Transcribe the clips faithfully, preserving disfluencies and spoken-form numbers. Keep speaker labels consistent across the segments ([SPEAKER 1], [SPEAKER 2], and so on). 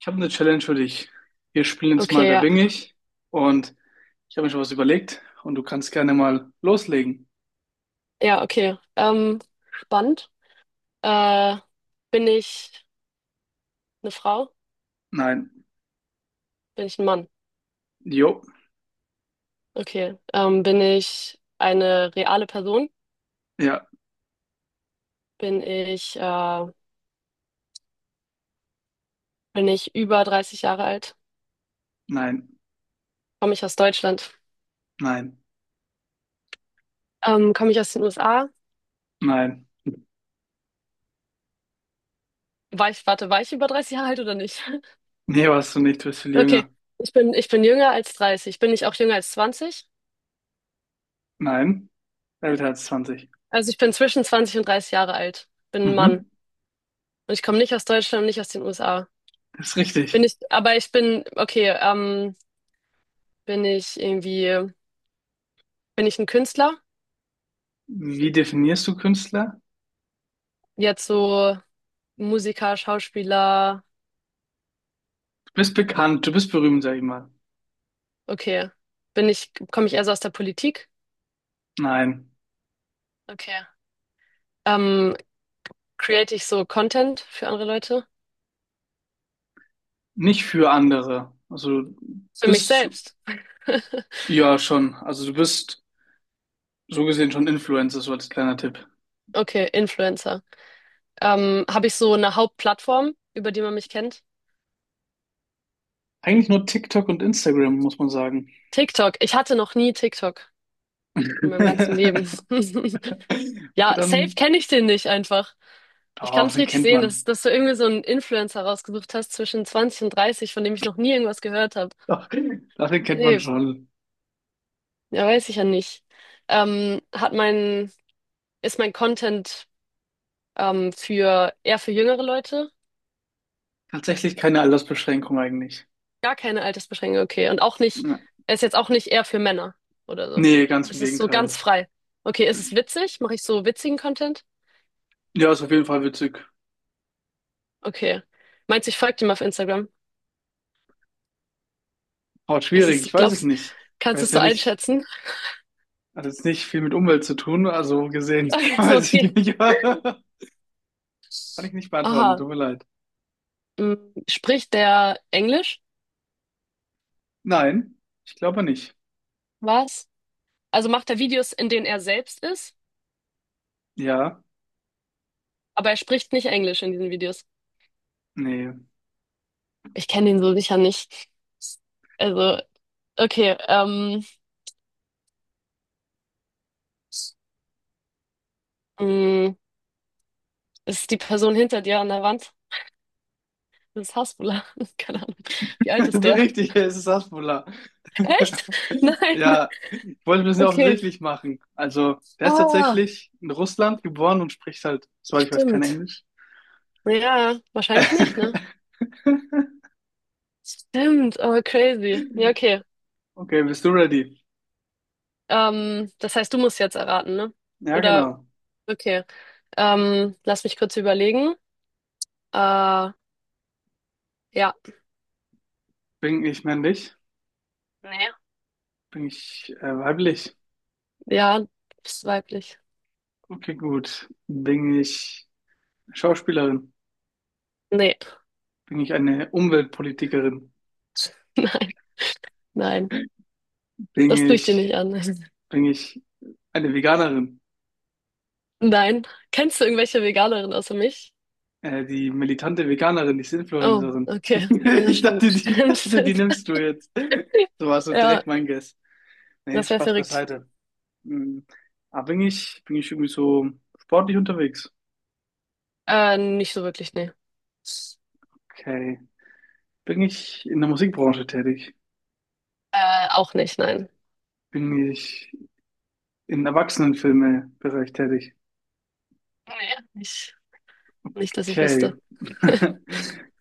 [SPEAKER 1] Ich habe eine Challenge für dich. Wir spielen jetzt mal
[SPEAKER 2] Okay,
[SPEAKER 1] "Wer
[SPEAKER 2] ja.
[SPEAKER 1] bin ich?" Und ich habe mir schon was überlegt und du kannst gerne mal loslegen.
[SPEAKER 2] Ja, okay. Ähm, spannend. Äh, bin ich eine Frau?
[SPEAKER 1] Nein.
[SPEAKER 2] Bin ich ein Mann?
[SPEAKER 1] Jo.
[SPEAKER 2] Okay. Ähm, bin ich eine reale Person?
[SPEAKER 1] Ja.
[SPEAKER 2] Bin ich, äh, bin ich über dreißig Jahre alt?
[SPEAKER 1] Nein.
[SPEAKER 2] Komme ich aus Deutschland?
[SPEAKER 1] Nein.
[SPEAKER 2] Ähm, komme ich aus den U S A?
[SPEAKER 1] Nein.
[SPEAKER 2] War ich, warte, war ich über dreißig Jahre alt oder nicht?
[SPEAKER 1] Nee, warst du nicht. Du bist viel
[SPEAKER 2] Okay.
[SPEAKER 1] jünger.
[SPEAKER 2] Ich bin, ich bin jünger als dreißig. Bin ich auch jünger als zwanzig?
[SPEAKER 1] Nein. Älter als zwanzig.
[SPEAKER 2] Also ich bin zwischen zwanzig und dreißig Jahre alt. Bin ein Mann.
[SPEAKER 1] Mhm.
[SPEAKER 2] Und ich komme nicht aus Deutschland und nicht aus den U S A.
[SPEAKER 1] Das ist
[SPEAKER 2] Bin
[SPEAKER 1] richtig.
[SPEAKER 2] ich, aber ich bin, okay, ähm, bin ich irgendwie, bin ich ein Künstler?
[SPEAKER 1] Wie definierst du Künstler?
[SPEAKER 2] Jetzt so Musiker, Schauspieler,
[SPEAKER 1] Du bist bekannt. Du bist berühmt, sag ich mal.
[SPEAKER 2] okay. Bin ich, komme ich eher so aus der Politik?
[SPEAKER 1] Nein.
[SPEAKER 2] Okay. Ähm, create ich so Content für andere Leute?
[SPEAKER 1] Nicht für andere. Also, du
[SPEAKER 2] Für mich
[SPEAKER 1] bist,
[SPEAKER 2] selbst.
[SPEAKER 1] ja, schon. Also, du bist so gesehen schon Influencer, so als kleiner Tipp.
[SPEAKER 2] Okay, Influencer. Ähm, habe ich so eine Hauptplattform, über die man mich kennt?
[SPEAKER 1] Eigentlich nur TikTok und Instagram, muss man sagen.
[SPEAKER 2] TikTok. Ich hatte noch nie TikTok in meinem ganzen Leben.
[SPEAKER 1] Okay,
[SPEAKER 2] Ja, safe
[SPEAKER 1] dann.
[SPEAKER 2] kenne ich den nicht einfach. Ich kann
[SPEAKER 1] Oh,
[SPEAKER 2] es
[SPEAKER 1] den
[SPEAKER 2] richtig
[SPEAKER 1] kennt
[SPEAKER 2] sehen, dass,
[SPEAKER 1] man.
[SPEAKER 2] dass du irgendwie so einen Influencer rausgesucht hast zwischen zwanzig und dreißig, von dem ich noch nie irgendwas gehört habe.
[SPEAKER 1] Doch, doch, den kennt man
[SPEAKER 2] Nee,
[SPEAKER 1] schon.
[SPEAKER 2] ja, weiß ich ja nicht. Ähm, hat mein, ist mein Content ähm, für eher für jüngere Leute?
[SPEAKER 1] Tatsächlich keine Altersbeschränkung eigentlich.
[SPEAKER 2] Gar keine Altersbeschränkung, okay. Und auch nicht,
[SPEAKER 1] Ja.
[SPEAKER 2] er ist jetzt auch nicht eher für Männer oder so.
[SPEAKER 1] Nee, ganz im
[SPEAKER 2] Es ist so ganz
[SPEAKER 1] Gegenteil.
[SPEAKER 2] frei. Okay, ist es witzig? Mache ich so witzigen Content?
[SPEAKER 1] Ja, ist auf jeden Fall witzig.
[SPEAKER 2] Okay. Meinst du, ich folge dem auf Instagram?
[SPEAKER 1] Oh,
[SPEAKER 2] Ist
[SPEAKER 1] schwierig,
[SPEAKER 2] es,
[SPEAKER 1] ich weiß es
[SPEAKER 2] glaubst,
[SPEAKER 1] nicht. Ich
[SPEAKER 2] kannst du
[SPEAKER 1] weiß
[SPEAKER 2] es so
[SPEAKER 1] ja nicht.
[SPEAKER 2] einschätzen?
[SPEAKER 1] Hat jetzt nicht viel mit Umwelt zu tun, also gesehen, weiß ich
[SPEAKER 2] okay.
[SPEAKER 1] nicht. Kann ich nicht beantworten,
[SPEAKER 2] Aha.
[SPEAKER 1] tut mir leid.
[SPEAKER 2] Mm, Spricht der Englisch?
[SPEAKER 1] Nein, ich glaube nicht.
[SPEAKER 2] Was? Also macht er Videos, in denen er selbst ist,
[SPEAKER 1] Ja,
[SPEAKER 2] aber er spricht nicht Englisch in diesen Videos.
[SPEAKER 1] nee.
[SPEAKER 2] Ich kenne ihn so sicher nicht. Also, okay, ähm, mm, ist die Person hinter dir an der Wand? Das ist Hasbula. Keine Ahnung. Wie alt
[SPEAKER 1] So
[SPEAKER 2] ist der?
[SPEAKER 1] richtig, es ist Hasbulla.
[SPEAKER 2] Echt? Nein.
[SPEAKER 1] Ja, ich wollte ein bisschen
[SPEAKER 2] Okay.
[SPEAKER 1] offensichtlich machen. Also, der ist
[SPEAKER 2] Ah,
[SPEAKER 1] tatsächlich in Russland geboren und spricht halt, soweit ich weiß, kein
[SPEAKER 2] stimmt.
[SPEAKER 1] Englisch.
[SPEAKER 2] Ja, wahrscheinlich nicht, ne? Stimmt, aber crazy. Ja, okay.
[SPEAKER 1] Okay, bist du ready?
[SPEAKER 2] Ähm, das heißt, du musst jetzt erraten, ne?
[SPEAKER 1] Ja,
[SPEAKER 2] Oder,
[SPEAKER 1] genau.
[SPEAKER 2] okay. Ähm, lass mich kurz überlegen. Äh, ja,
[SPEAKER 1] Bin ich männlich?
[SPEAKER 2] Nee.
[SPEAKER 1] Bin ich äh, weiblich?
[SPEAKER 2] Ja, bist weiblich.
[SPEAKER 1] Okay, gut. Bin ich Schauspielerin?
[SPEAKER 2] Nee.
[SPEAKER 1] Bin ich eine Umweltpolitikerin?
[SPEAKER 2] Nein, nein.
[SPEAKER 1] Bin
[SPEAKER 2] Das tue ich dir
[SPEAKER 1] ich,
[SPEAKER 2] nicht an.
[SPEAKER 1] bin ich eine Veganerin?
[SPEAKER 2] Nein. Kennst du irgendwelche Veganerinnen außer mich?
[SPEAKER 1] Äh, die militante Veganerin, die
[SPEAKER 2] Oh,
[SPEAKER 1] Influencerin.
[SPEAKER 2] okay. Ja,
[SPEAKER 1] Ich
[SPEAKER 2] stimmt,
[SPEAKER 1] dachte, die, ich
[SPEAKER 2] stimmt,
[SPEAKER 1] dachte, die
[SPEAKER 2] stimmt.
[SPEAKER 1] nimmst du jetzt. So war so direkt
[SPEAKER 2] Ja,
[SPEAKER 1] mein Guess. Nee,
[SPEAKER 2] das wäre
[SPEAKER 1] Spaß
[SPEAKER 2] verrückt.
[SPEAKER 1] beiseite. Hm. Aber bin ich, bin ich irgendwie so sportlich unterwegs?
[SPEAKER 2] Äh, nicht so wirklich, nee.
[SPEAKER 1] Okay. Bin ich in der Musikbranche tätig?
[SPEAKER 2] Äh, auch nicht, nein.
[SPEAKER 1] Bin ich im Erwachsenenfilme-Bereich tätig?
[SPEAKER 2] Nee. Nicht, nicht, dass ich
[SPEAKER 1] Okay.
[SPEAKER 2] wüsste.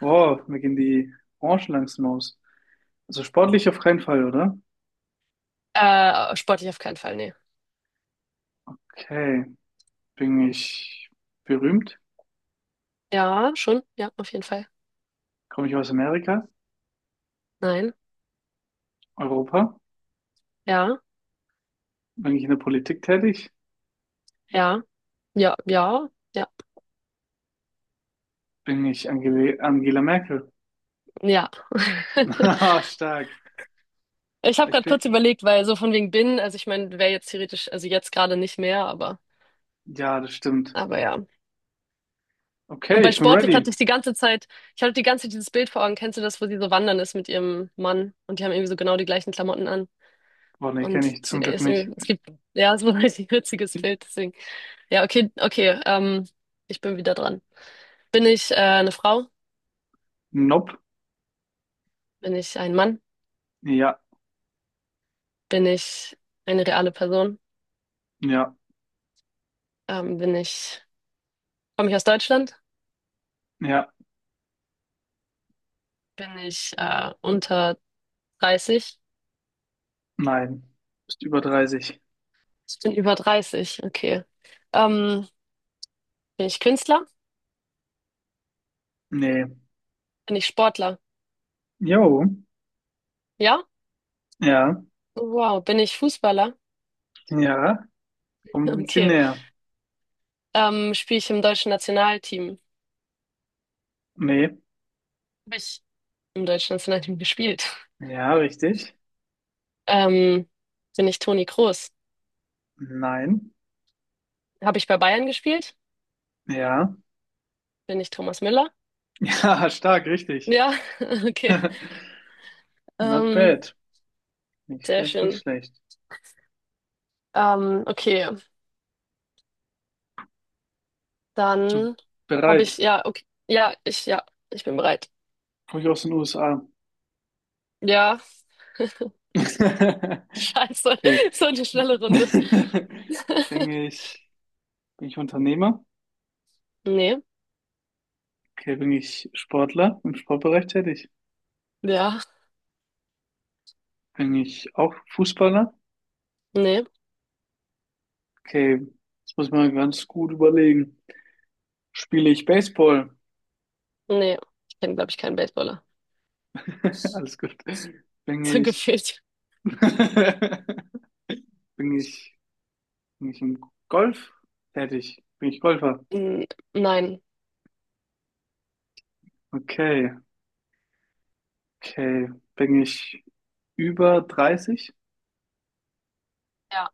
[SPEAKER 1] Boah, mir gehen die Branchen langsam aus. Also sportlich auf keinen Fall, oder?
[SPEAKER 2] Äh, sportlich auf keinen Fall, nee.
[SPEAKER 1] Okay. Bin ich berühmt?
[SPEAKER 2] Ja, schon, ja, auf jeden Fall.
[SPEAKER 1] Komme ich aus Amerika?
[SPEAKER 2] Nein,
[SPEAKER 1] Europa?
[SPEAKER 2] ja,
[SPEAKER 1] Bin ich in der Politik tätig?
[SPEAKER 2] ja, ja, ja, ja.
[SPEAKER 1] Bin ich Angele Angela Merkel?
[SPEAKER 2] Ja.
[SPEAKER 1] Ah, stark.
[SPEAKER 2] Ich habe
[SPEAKER 1] Ich
[SPEAKER 2] gerade kurz
[SPEAKER 1] bin,
[SPEAKER 2] überlegt, weil so von wegen bin, also ich meine, wäre jetzt theoretisch, also jetzt gerade nicht mehr, aber,
[SPEAKER 1] ja, das stimmt.
[SPEAKER 2] aber ja. Und
[SPEAKER 1] Okay,
[SPEAKER 2] bei
[SPEAKER 1] ich bin
[SPEAKER 2] sportlich
[SPEAKER 1] ready.
[SPEAKER 2] hatte ich die ganze Zeit, ich hatte die ganze Zeit dieses Bild vor Augen, kennst du das, wo sie so wandern ist mit ihrem Mann und die haben irgendwie so genau die gleichen Klamotten an.
[SPEAKER 1] Boah, nee, kenne
[SPEAKER 2] Und
[SPEAKER 1] ich
[SPEAKER 2] sie
[SPEAKER 1] zum Glück
[SPEAKER 2] ist
[SPEAKER 1] nicht.
[SPEAKER 2] irgendwie, es gibt, ja, so ein richtig witziges Bild, deswegen. Ja, okay, okay, ähm, ich bin wieder dran. Bin ich äh, eine Frau?
[SPEAKER 1] Nope.
[SPEAKER 2] Bin ich ein Mann?
[SPEAKER 1] Ja,
[SPEAKER 2] Bin ich eine reale Person?
[SPEAKER 1] ja,
[SPEAKER 2] Ähm, bin ich, komme ich aus Deutschland?
[SPEAKER 1] ja,
[SPEAKER 2] Bin ich äh, unter dreißig?
[SPEAKER 1] nein. Bist über dreißig.
[SPEAKER 2] Ich bin über dreißig, okay. Ähm, bin ich Künstler?
[SPEAKER 1] Nee.
[SPEAKER 2] Bin ich Sportler?
[SPEAKER 1] Jo.
[SPEAKER 2] Ja?
[SPEAKER 1] Ja,
[SPEAKER 2] Wow, bin ich Fußballer?
[SPEAKER 1] ja. Kommt ein Ziel
[SPEAKER 2] Okay.
[SPEAKER 1] näher.
[SPEAKER 2] Ähm, spiele ich im deutschen Nationalteam?
[SPEAKER 1] Nee.
[SPEAKER 2] Habe ich im deutschen Nationalteam gespielt?
[SPEAKER 1] Ja, richtig.
[SPEAKER 2] Ähm, bin ich Toni Kroos?
[SPEAKER 1] Nein.
[SPEAKER 2] Habe ich bei Bayern gespielt?
[SPEAKER 1] Ja.
[SPEAKER 2] Bin ich Thomas Müller?
[SPEAKER 1] Ja, stark, richtig.
[SPEAKER 2] Ja, okay.
[SPEAKER 1] Not
[SPEAKER 2] Ähm,
[SPEAKER 1] bad. Nicht
[SPEAKER 2] sehr
[SPEAKER 1] schlecht, nicht
[SPEAKER 2] schön.
[SPEAKER 1] schlecht.
[SPEAKER 2] Ähm, okay,
[SPEAKER 1] Du
[SPEAKER 2] dann habe ich,
[SPEAKER 1] bereit?
[SPEAKER 2] ja, okay. Ja, ich, ja, ich bin bereit.
[SPEAKER 1] Komm ich aus den U S A.
[SPEAKER 2] Ja, scheiße,
[SPEAKER 1] Okay.
[SPEAKER 2] so eine schnelle Runde.
[SPEAKER 1] Bin ich, bin ich Unternehmer?
[SPEAKER 2] Nee,
[SPEAKER 1] Okay, bin ich Sportler im Sportbereich tätig?
[SPEAKER 2] ja,
[SPEAKER 1] Eigentlich auch Fußballer?
[SPEAKER 2] nee,
[SPEAKER 1] Okay, das muss man ganz gut überlegen. Spiele ich Baseball?
[SPEAKER 2] nee. Ich kenne, glaube ich, keinen Baseballer.
[SPEAKER 1] Alles gut. Bin
[SPEAKER 2] So
[SPEAKER 1] ich,
[SPEAKER 2] gefühlt.
[SPEAKER 1] bin ich, bin ich im Golf tätig? Bin ich Golfer?
[SPEAKER 2] N- Nein.
[SPEAKER 1] Okay, okay. Bin ich über dreißig?
[SPEAKER 2] Ja.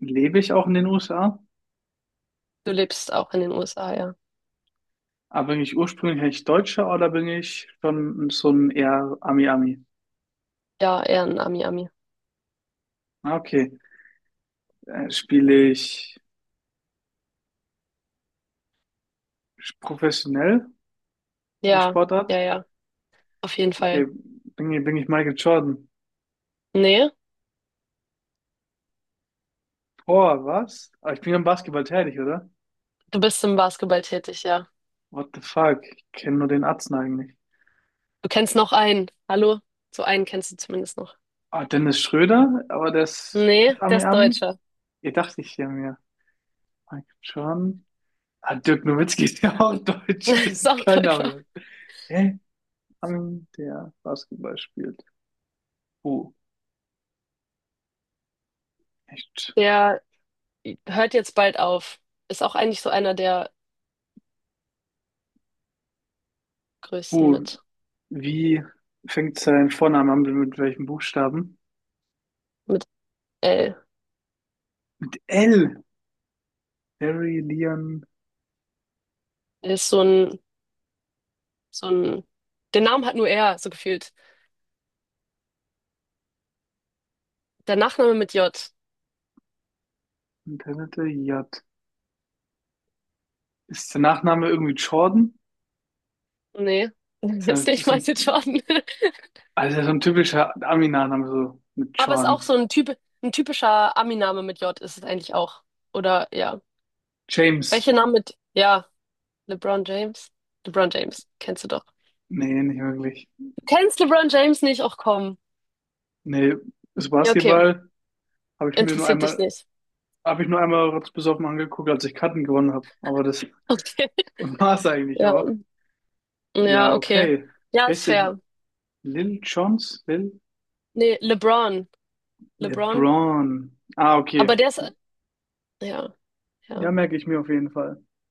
[SPEAKER 1] Lebe ich auch in den U S A?
[SPEAKER 2] Du lebst auch in den U S A, ja.
[SPEAKER 1] Aber bin ich ursprünglich eigentlich Deutscher oder bin ich schon so ein eher Ami-Ami?
[SPEAKER 2] Ja, eher ein Ami-Ami.
[SPEAKER 1] Ah, okay. Äh, spiele ich professionell die
[SPEAKER 2] Ja, ja,
[SPEAKER 1] Sportart?
[SPEAKER 2] ja. Auf jeden
[SPEAKER 1] Okay,
[SPEAKER 2] Fall.
[SPEAKER 1] bin ich, bin ich Michael Jordan?
[SPEAKER 2] Nee,
[SPEAKER 1] Boah, was? Aber ich bin am Basketball tätig, oder?
[SPEAKER 2] du bist im Basketball tätig, ja.
[SPEAKER 1] What the fuck? Ich kenne nur den Atzen eigentlich.
[SPEAKER 2] Du kennst noch einen. Hallo? So einen kennst du zumindest noch.
[SPEAKER 1] Ah, Dennis Schröder? Aber das, ist
[SPEAKER 2] Nee,
[SPEAKER 1] das
[SPEAKER 2] der
[SPEAKER 1] Ami
[SPEAKER 2] ist
[SPEAKER 1] Ami?
[SPEAKER 2] Deutscher.
[SPEAKER 1] Ihr dachte ich ja mir. Michael Jordan? Ah, Dirk Nowitzki ist ja auch Deutsch. Das
[SPEAKER 2] Ist
[SPEAKER 1] ist
[SPEAKER 2] auch
[SPEAKER 1] kein
[SPEAKER 2] Deutscher.
[SPEAKER 1] Name. Hä? Ami, der Basketball spielt. Oh, echt.
[SPEAKER 2] Der hört jetzt bald auf. Ist auch eigentlich so einer der größten
[SPEAKER 1] Oh,
[SPEAKER 2] mit,
[SPEAKER 1] wie fängt sein Vorname an? Mit welchem Buchstaben?
[SPEAKER 2] mit L.
[SPEAKER 1] Mit L. Harry, Leon,
[SPEAKER 2] Er ist so ein, so ein, den Namen hat nur er, so gefühlt. Der Nachname mit J.
[SPEAKER 1] Internet, J. Ist der Nachname irgendwie Jordan?
[SPEAKER 2] Nee,
[SPEAKER 1] Ist ja
[SPEAKER 2] ist nicht
[SPEAKER 1] so ein,
[SPEAKER 2] Michael Jordan.
[SPEAKER 1] also ja so ein typischer Ami-Nachname, so mit
[SPEAKER 2] Aber ist auch
[SPEAKER 1] Jordan.
[SPEAKER 2] so ein Typ, ein typischer Ami-Name mit J ist es eigentlich auch. Oder ja.
[SPEAKER 1] James?
[SPEAKER 2] Welche Namen mit, ja, LeBron James. LeBron James, kennst du doch.
[SPEAKER 1] Nee, nicht wirklich.
[SPEAKER 2] Du kennst LeBron James nicht? Ach komm.
[SPEAKER 1] Nee, das
[SPEAKER 2] Ja, okay.
[SPEAKER 1] Basketball habe ich mir nur
[SPEAKER 2] Interessiert dich
[SPEAKER 1] einmal,
[SPEAKER 2] nicht.
[SPEAKER 1] habe ich nur einmal kurz besoffen angeguckt, als ich Karten gewonnen habe. Aber das
[SPEAKER 2] Okay.
[SPEAKER 1] war es eigentlich
[SPEAKER 2] Ja.
[SPEAKER 1] auch. Ja,
[SPEAKER 2] Ja, okay.
[SPEAKER 1] okay.
[SPEAKER 2] Ja,
[SPEAKER 1] Wie
[SPEAKER 2] ist
[SPEAKER 1] heißt der?
[SPEAKER 2] fair.
[SPEAKER 1] Lil Jones? Lil?
[SPEAKER 2] Nee, LeBron. LeBron.
[SPEAKER 1] LeBron. Ah, okay.
[SPEAKER 2] Aber der ist, ja,
[SPEAKER 1] Ja,
[SPEAKER 2] ja.
[SPEAKER 1] merke ich mir auf jeden Fall.